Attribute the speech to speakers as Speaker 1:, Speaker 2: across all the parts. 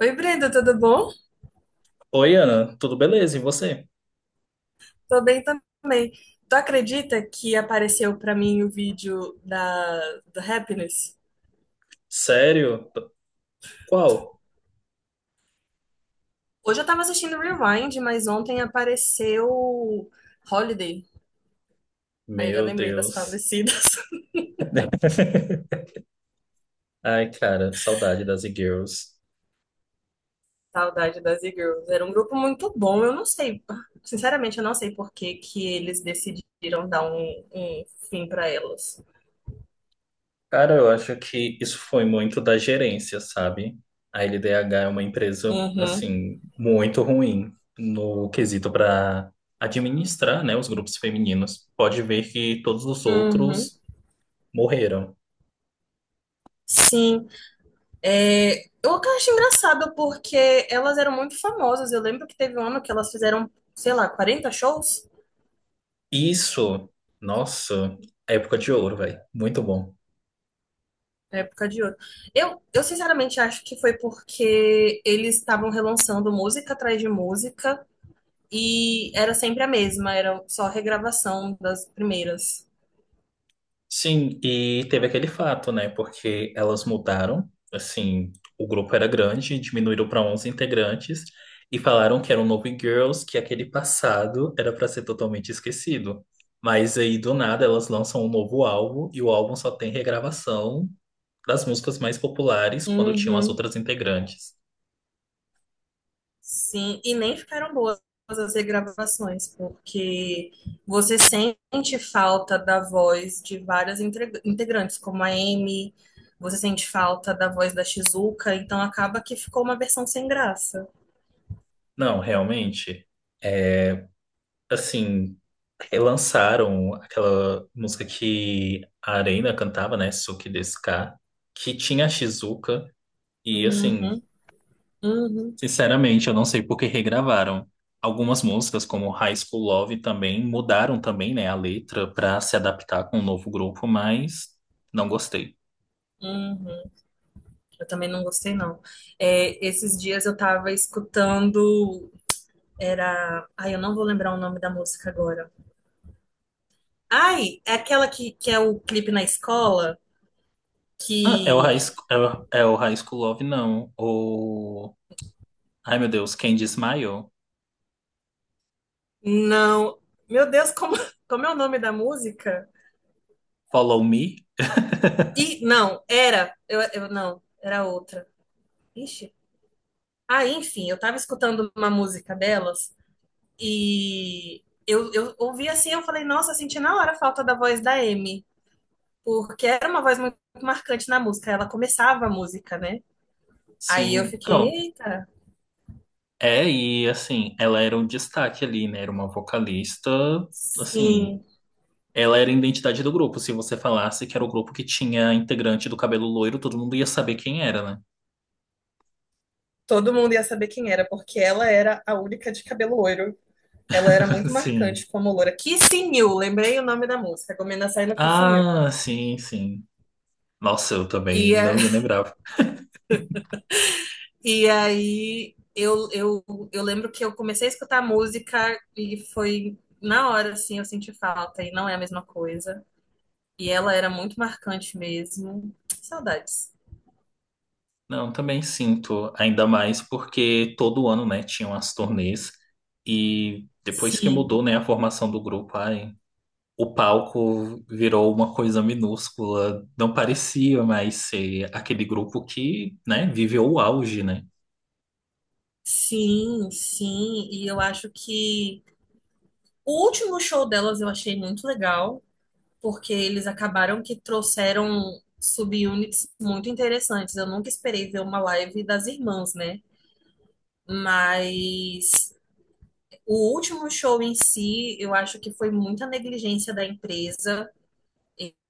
Speaker 1: Oi, Brenda, tudo bom?
Speaker 2: Oi, Ana, tudo beleza? E você?
Speaker 1: Tô bem também. Tu acredita que apareceu pra mim o vídeo da do Happiness?
Speaker 2: Sério? Qual?
Speaker 1: Hoje eu tava assistindo Rewind, mas ontem apareceu Holiday. Aí eu
Speaker 2: Meu
Speaker 1: lembrei das
Speaker 2: Deus.
Speaker 1: falecidas.
Speaker 2: Ai, cara, saudade das e-girls.
Speaker 1: Saudade das E-Girls. Era um grupo muito bom. Eu não sei, sinceramente, eu não sei por que que eles decidiram dar um fim pra elas.
Speaker 2: Cara, eu acho que isso foi muito da gerência, sabe? A LDH é uma empresa,
Speaker 1: Uhum,
Speaker 2: assim, muito ruim no quesito para administrar, né, os grupos femininos. Pode ver que todos os
Speaker 1: uhum.
Speaker 2: outros morreram.
Speaker 1: Sim. É, eu acho engraçado porque elas eram muito famosas. Eu lembro que teve um ano que elas fizeram, sei lá, 40 shows
Speaker 2: Isso, nossa, época de ouro, velho. Muito bom.
Speaker 1: na época de ouro. Eu sinceramente acho que foi porque eles estavam relançando música atrás de música e era sempre a mesma, era só regravação das primeiras.
Speaker 2: Sim, e teve aquele fato, né? Porque elas mudaram, assim, o grupo era grande, diminuíram para 11 integrantes e falaram que era um novo Girls, que aquele passado era para ser totalmente esquecido. Mas aí do nada elas lançam um novo álbum e o álbum só tem regravação das músicas mais populares quando tinham as
Speaker 1: Uhum.
Speaker 2: outras integrantes.
Speaker 1: Sim, e nem ficaram boas as regravações, porque você sente falta da voz de várias integrantes, como a Amy, você sente falta da voz da Shizuka, então acaba que ficou uma versão sem graça.
Speaker 2: Não, realmente, é, assim, relançaram aquela música que a Arena cantava, né? Suki Desu Ka, que tinha a Shizuka. E assim,
Speaker 1: Uhum, uhum,
Speaker 2: sinceramente, eu não sei por que regravaram. Algumas músicas, como High School Love, também mudaram também, né, a letra para se adaptar com o novo grupo, mas não gostei.
Speaker 1: uhum. Eu também não gostei, não. É, esses dias eu tava escutando, era... Ai, eu não vou lembrar o nome da música agora. Ai, é aquela que é o clipe na escola,
Speaker 2: Ah, é o
Speaker 1: que...
Speaker 2: é o High School Love, não. O... Ai, meu Deus, Candy Smile?
Speaker 1: Não. Meu Deus, como, como é o nome da música?
Speaker 2: Follow Me?
Speaker 1: E não, era. Eu não, era outra. Ixi. Ah, enfim, eu tava escutando uma música delas e eu ouvi assim, eu falei, nossa, senti na hora a falta da voz da Amy, porque era uma voz muito marcante na música. Ela começava a música, né? Aí eu
Speaker 2: Sim.
Speaker 1: fiquei,
Speaker 2: Não.
Speaker 1: eita,
Speaker 2: É, e assim, ela era um destaque ali, né? Era uma vocalista, assim,
Speaker 1: sim.
Speaker 2: ela era a identidade do grupo. Se você falasse que era o grupo que tinha integrante do cabelo loiro, todo mundo ia saber quem era, né?
Speaker 1: Todo mundo ia saber quem era, porque ela era a única de cabelo loiro. Ela era muito
Speaker 2: Sim.
Speaker 1: marcante como loura. Kissing You, lembrei o nome da música. Gomena saiu no Kissing You.
Speaker 2: Ah, sim, sim. Nossa, eu
Speaker 1: E,
Speaker 2: também não ia lembrar.
Speaker 1: e aí eu lembro que eu comecei a escutar música e foi na hora, assim, eu senti falta e não é a mesma coisa. E ela era muito marcante mesmo. Saudades.
Speaker 2: Não, também sinto, ainda mais porque todo ano, né, tinham as turnês e depois que
Speaker 1: Sim,
Speaker 2: mudou, né, a formação do grupo, ai. O palco virou uma coisa minúscula, não parecia mais ser aquele grupo que, né, viveu o auge, né?
Speaker 1: sim, sim. E eu acho que o último show delas eu achei muito legal. Porque eles acabaram que trouxeram subunits muito interessantes. Eu nunca esperei ver uma live das irmãs, né? Mas o último show em si, eu acho que foi muita negligência da empresa.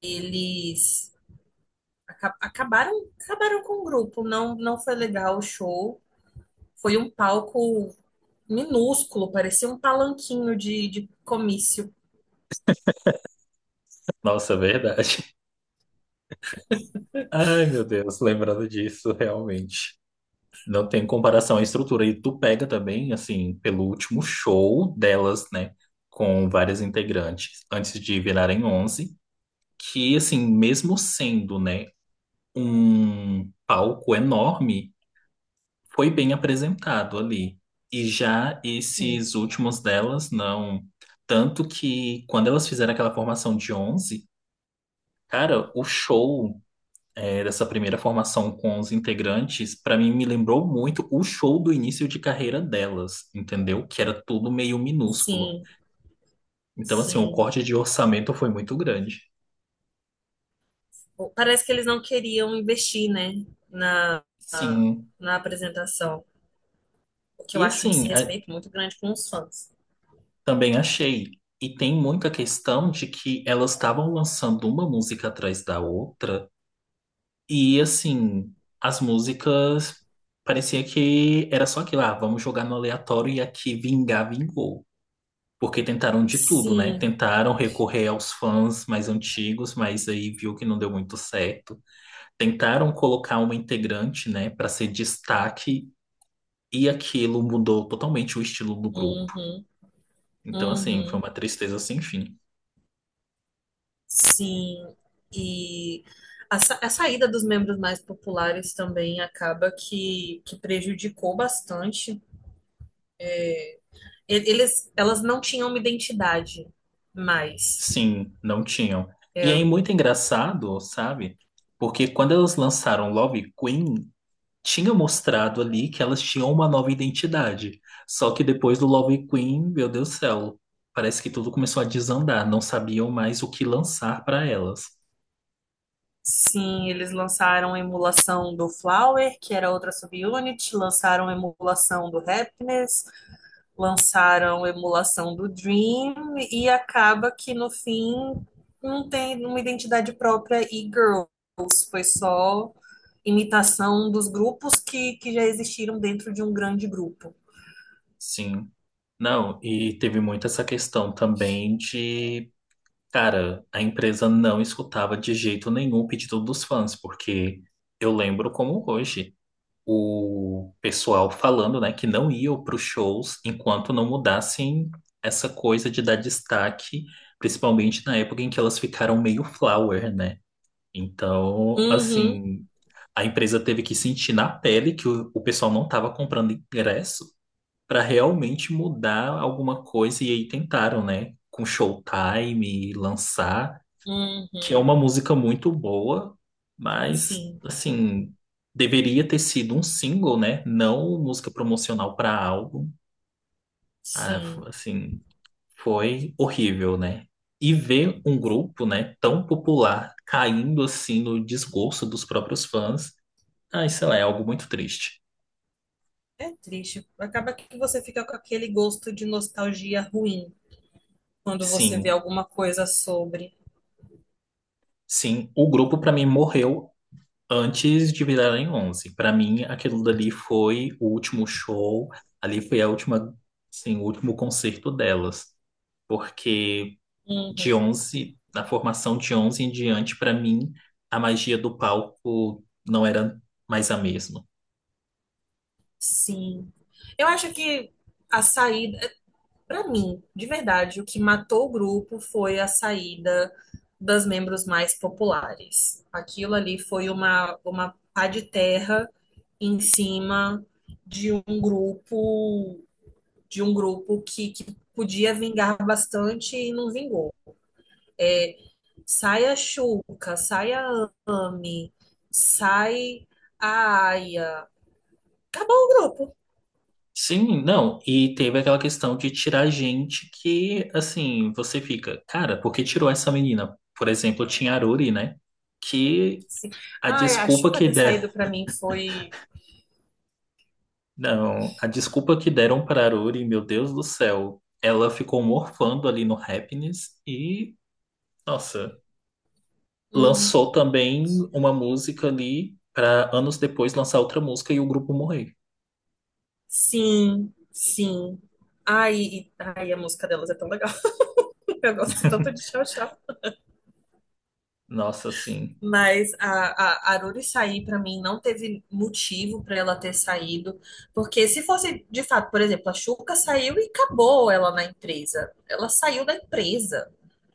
Speaker 1: Eles aca- acabaram, acabaram com o grupo, não, não foi legal o show. Foi um palco minúsculo, parecia um palanquinho de comício.
Speaker 2: Nossa, é verdade. Ai, meu Deus, lembrando disso, realmente. Não tem comparação à estrutura. E tu pega também, assim, pelo último show delas, né, com várias integrantes, antes de virarem 11 que, assim, mesmo sendo, né, um palco enorme, foi bem apresentado ali. E já
Speaker 1: Sim,
Speaker 2: esses últimos delas, não. Tanto que quando elas fizeram aquela formação de 11, cara, o show é, dessa primeira formação com os integrantes, pra mim, me lembrou muito o show do início de carreira delas, entendeu? Que era tudo meio minúsculo.
Speaker 1: sim,
Speaker 2: Então, assim, o
Speaker 1: sim.
Speaker 2: corte de orçamento foi muito grande.
Speaker 1: Parece que eles não queriam investir, né, na,
Speaker 2: Sim.
Speaker 1: na apresentação, o que eu
Speaker 2: E
Speaker 1: acho um
Speaker 2: assim, a-
Speaker 1: desrespeito muito grande com os fãs.
Speaker 2: Também achei. E tem muita questão de que elas estavam lançando uma música atrás da outra. E assim, as músicas parecia que era só aquilo, ah, vamos jogar no aleatório e aqui vingar, vingou. Porque tentaram de tudo, né?
Speaker 1: Sim,
Speaker 2: Tentaram recorrer aos fãs mais antigos, mas aí viu que não deu muito certo. Tentaram colocar uma integrante, né, para ser destaque, e aquilo mudou totalmente o estilo do grupo.
Speaker 1: uhum,
Speaker 2: Então, assim, foi
Speaker 1: uhum,
Speaker 2: uma tristeza sem fim.
Speaker 1: sim. E a saída dos membros mais populares também acaba que prejudicou bastante. Elas não tinham uma identidade mais.
Speaker 2: Sim, não tinham. E aí,
Speaker 1: É,
Speaker 2: muito engraçado, sabe? Porque quando elas lançaram Love Queen, tinha mostrado ali que elas tinham uma nova identidade. Só que depois do Love Queen, meu Deus do céu, parece que tudo começou a desandar, não sabiam mais o que lançar para elas.
Speaker 1: sim, eles lançaram a emulação do Flower, que era outra subunit, lançaram a emulação do Happiness, lançaram a emulação do Dream, e acaba que no fim não tem uma identidade própria e Girls, foi só imitação dos grupos que já existiram dentro de um grande grupo.
Speaker 2: Sim. Não, e teve muito essa questão também de, cara, a empresa não escutava de jeito nenhum o pedido dos fãs, porque eu lembro como hoje. O pessoal falando, né, que não iam para os shows enquanto não mudassem essa coisa de dar destaque, principalmente na época em que elas ficaram meio flower, né? Então,
Speaker 1: Uhum,
Speaker 2: assim, a empresa teve que sentir na pele que o pessoal não estava comprando ingresso para realmente mudar alguma coisa e aí tentaram, né? Com Showtime, lançar que é
Speaker 1: uhum,
Speaker 2: uma música muito boa, mas
Speaker 1: sim,
Speaker 2: assim, deveria ter sido um single, né? Não música promocional para álbum. Ah, f-
Speaker 1: sim.
Speaker 2: assim, foi horrível, né? E ver um grupo, né, tão popular caindo assim no desgosto dos próprios fãs, ai, sei lá, é algo muito triste.
Speaker 1: É triste. Acaba que você fica com aquele gosto de nostalgia ruim quando você vê
Speaker 2: Sim,
Speaker 1: alguma coisa sobre.
Speaker 2: sim, o grupo para mim morreu antes de virarem 11. Para mim aquilo dali foi o último show, ali foi a última, sim, o último concerto delas, porque de
Speaker 1: Uhum.
Speaker 2: 11, na formação de 11 em diante, para mim a magia do palco não era mais a mesma.
Speaker 1: Sim. Eu acho que a saída, pra mim, de verdade, o que matou o grupo foi a saída das membros mais populares. Aquilo ali foi uma pá de terra em cima de um grupo, de um grupo que podia vingar bastante e não vingou. Sai a Xuca, sai a Ami, sai a Aya, acabou o grupo.
Speaker 2: Sim, não, e teve aquela questão de tirar gente que, assim, você fica, cara, por que tirou essa menina? Por exemplo, tinha a Aruri, né? Que
Speaker 1: Sim.
Speaker 2: a
Speaker 1: Ai, a
Speaker 2: desculpa
Speaker 1: Xuca
Speaker 2: que
Speaker 1: ter saído pra mim foi.
Speaker 2: Não, a desculpa que deram para Aruri, meu Deus do céu, ela ficou morfando ali no Happiness e, nossa,
Speaker 1: Uhum.
Speaker 2: lançou também uma música ali para anos depois lançar outra música e o grupo morrer.
Speaker 1: Sim, sim. Ai, a música delas é tão legal. Eu gosto tanto de Tchau Tchau.
Speaker 2: Nossa, sim.
Speaker 1: Mas a Aruri sair pra mim não teve motivo pra ela ter saído. Porque se fosse, de fato, por exemplo, a Xuca saiu e acabou ela na empresa. Ela saiu da empresa.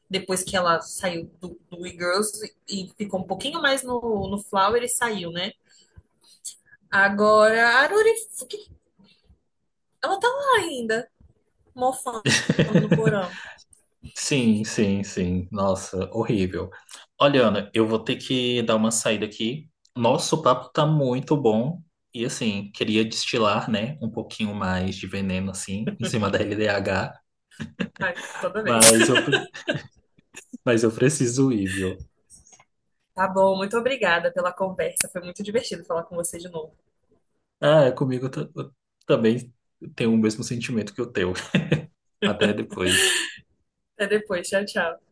Speaker 1: Depois que ela saiu do E-Girls e ficou um pouquinho mais no, no Flower e saiu, né? Agora, a Aruri, o que... Ela tá lá ainda, mofando no porão.
Speaker 2: Sim, sim, sim. Nossa, horrível. Olha, Ana, eu vou ter que dar uma saída aqui. Nosso papo tá muito bom. E assim, queria destilar, né, um pouquinho mais de veneno assim em cima da LDH,
Speaker 1: Ai, toda vez.
Speaker 2: mas eu Mas eu preciso ir, viu?
Speaker 1: Tá bom, muito obrigada pela conversa. Foi muito divertido falar com você de novo.
Speaker 2: Ah, também tem o mesmo sentimento que o teu. Até depois.
Speaker 1: Até depois, tchau, tchau.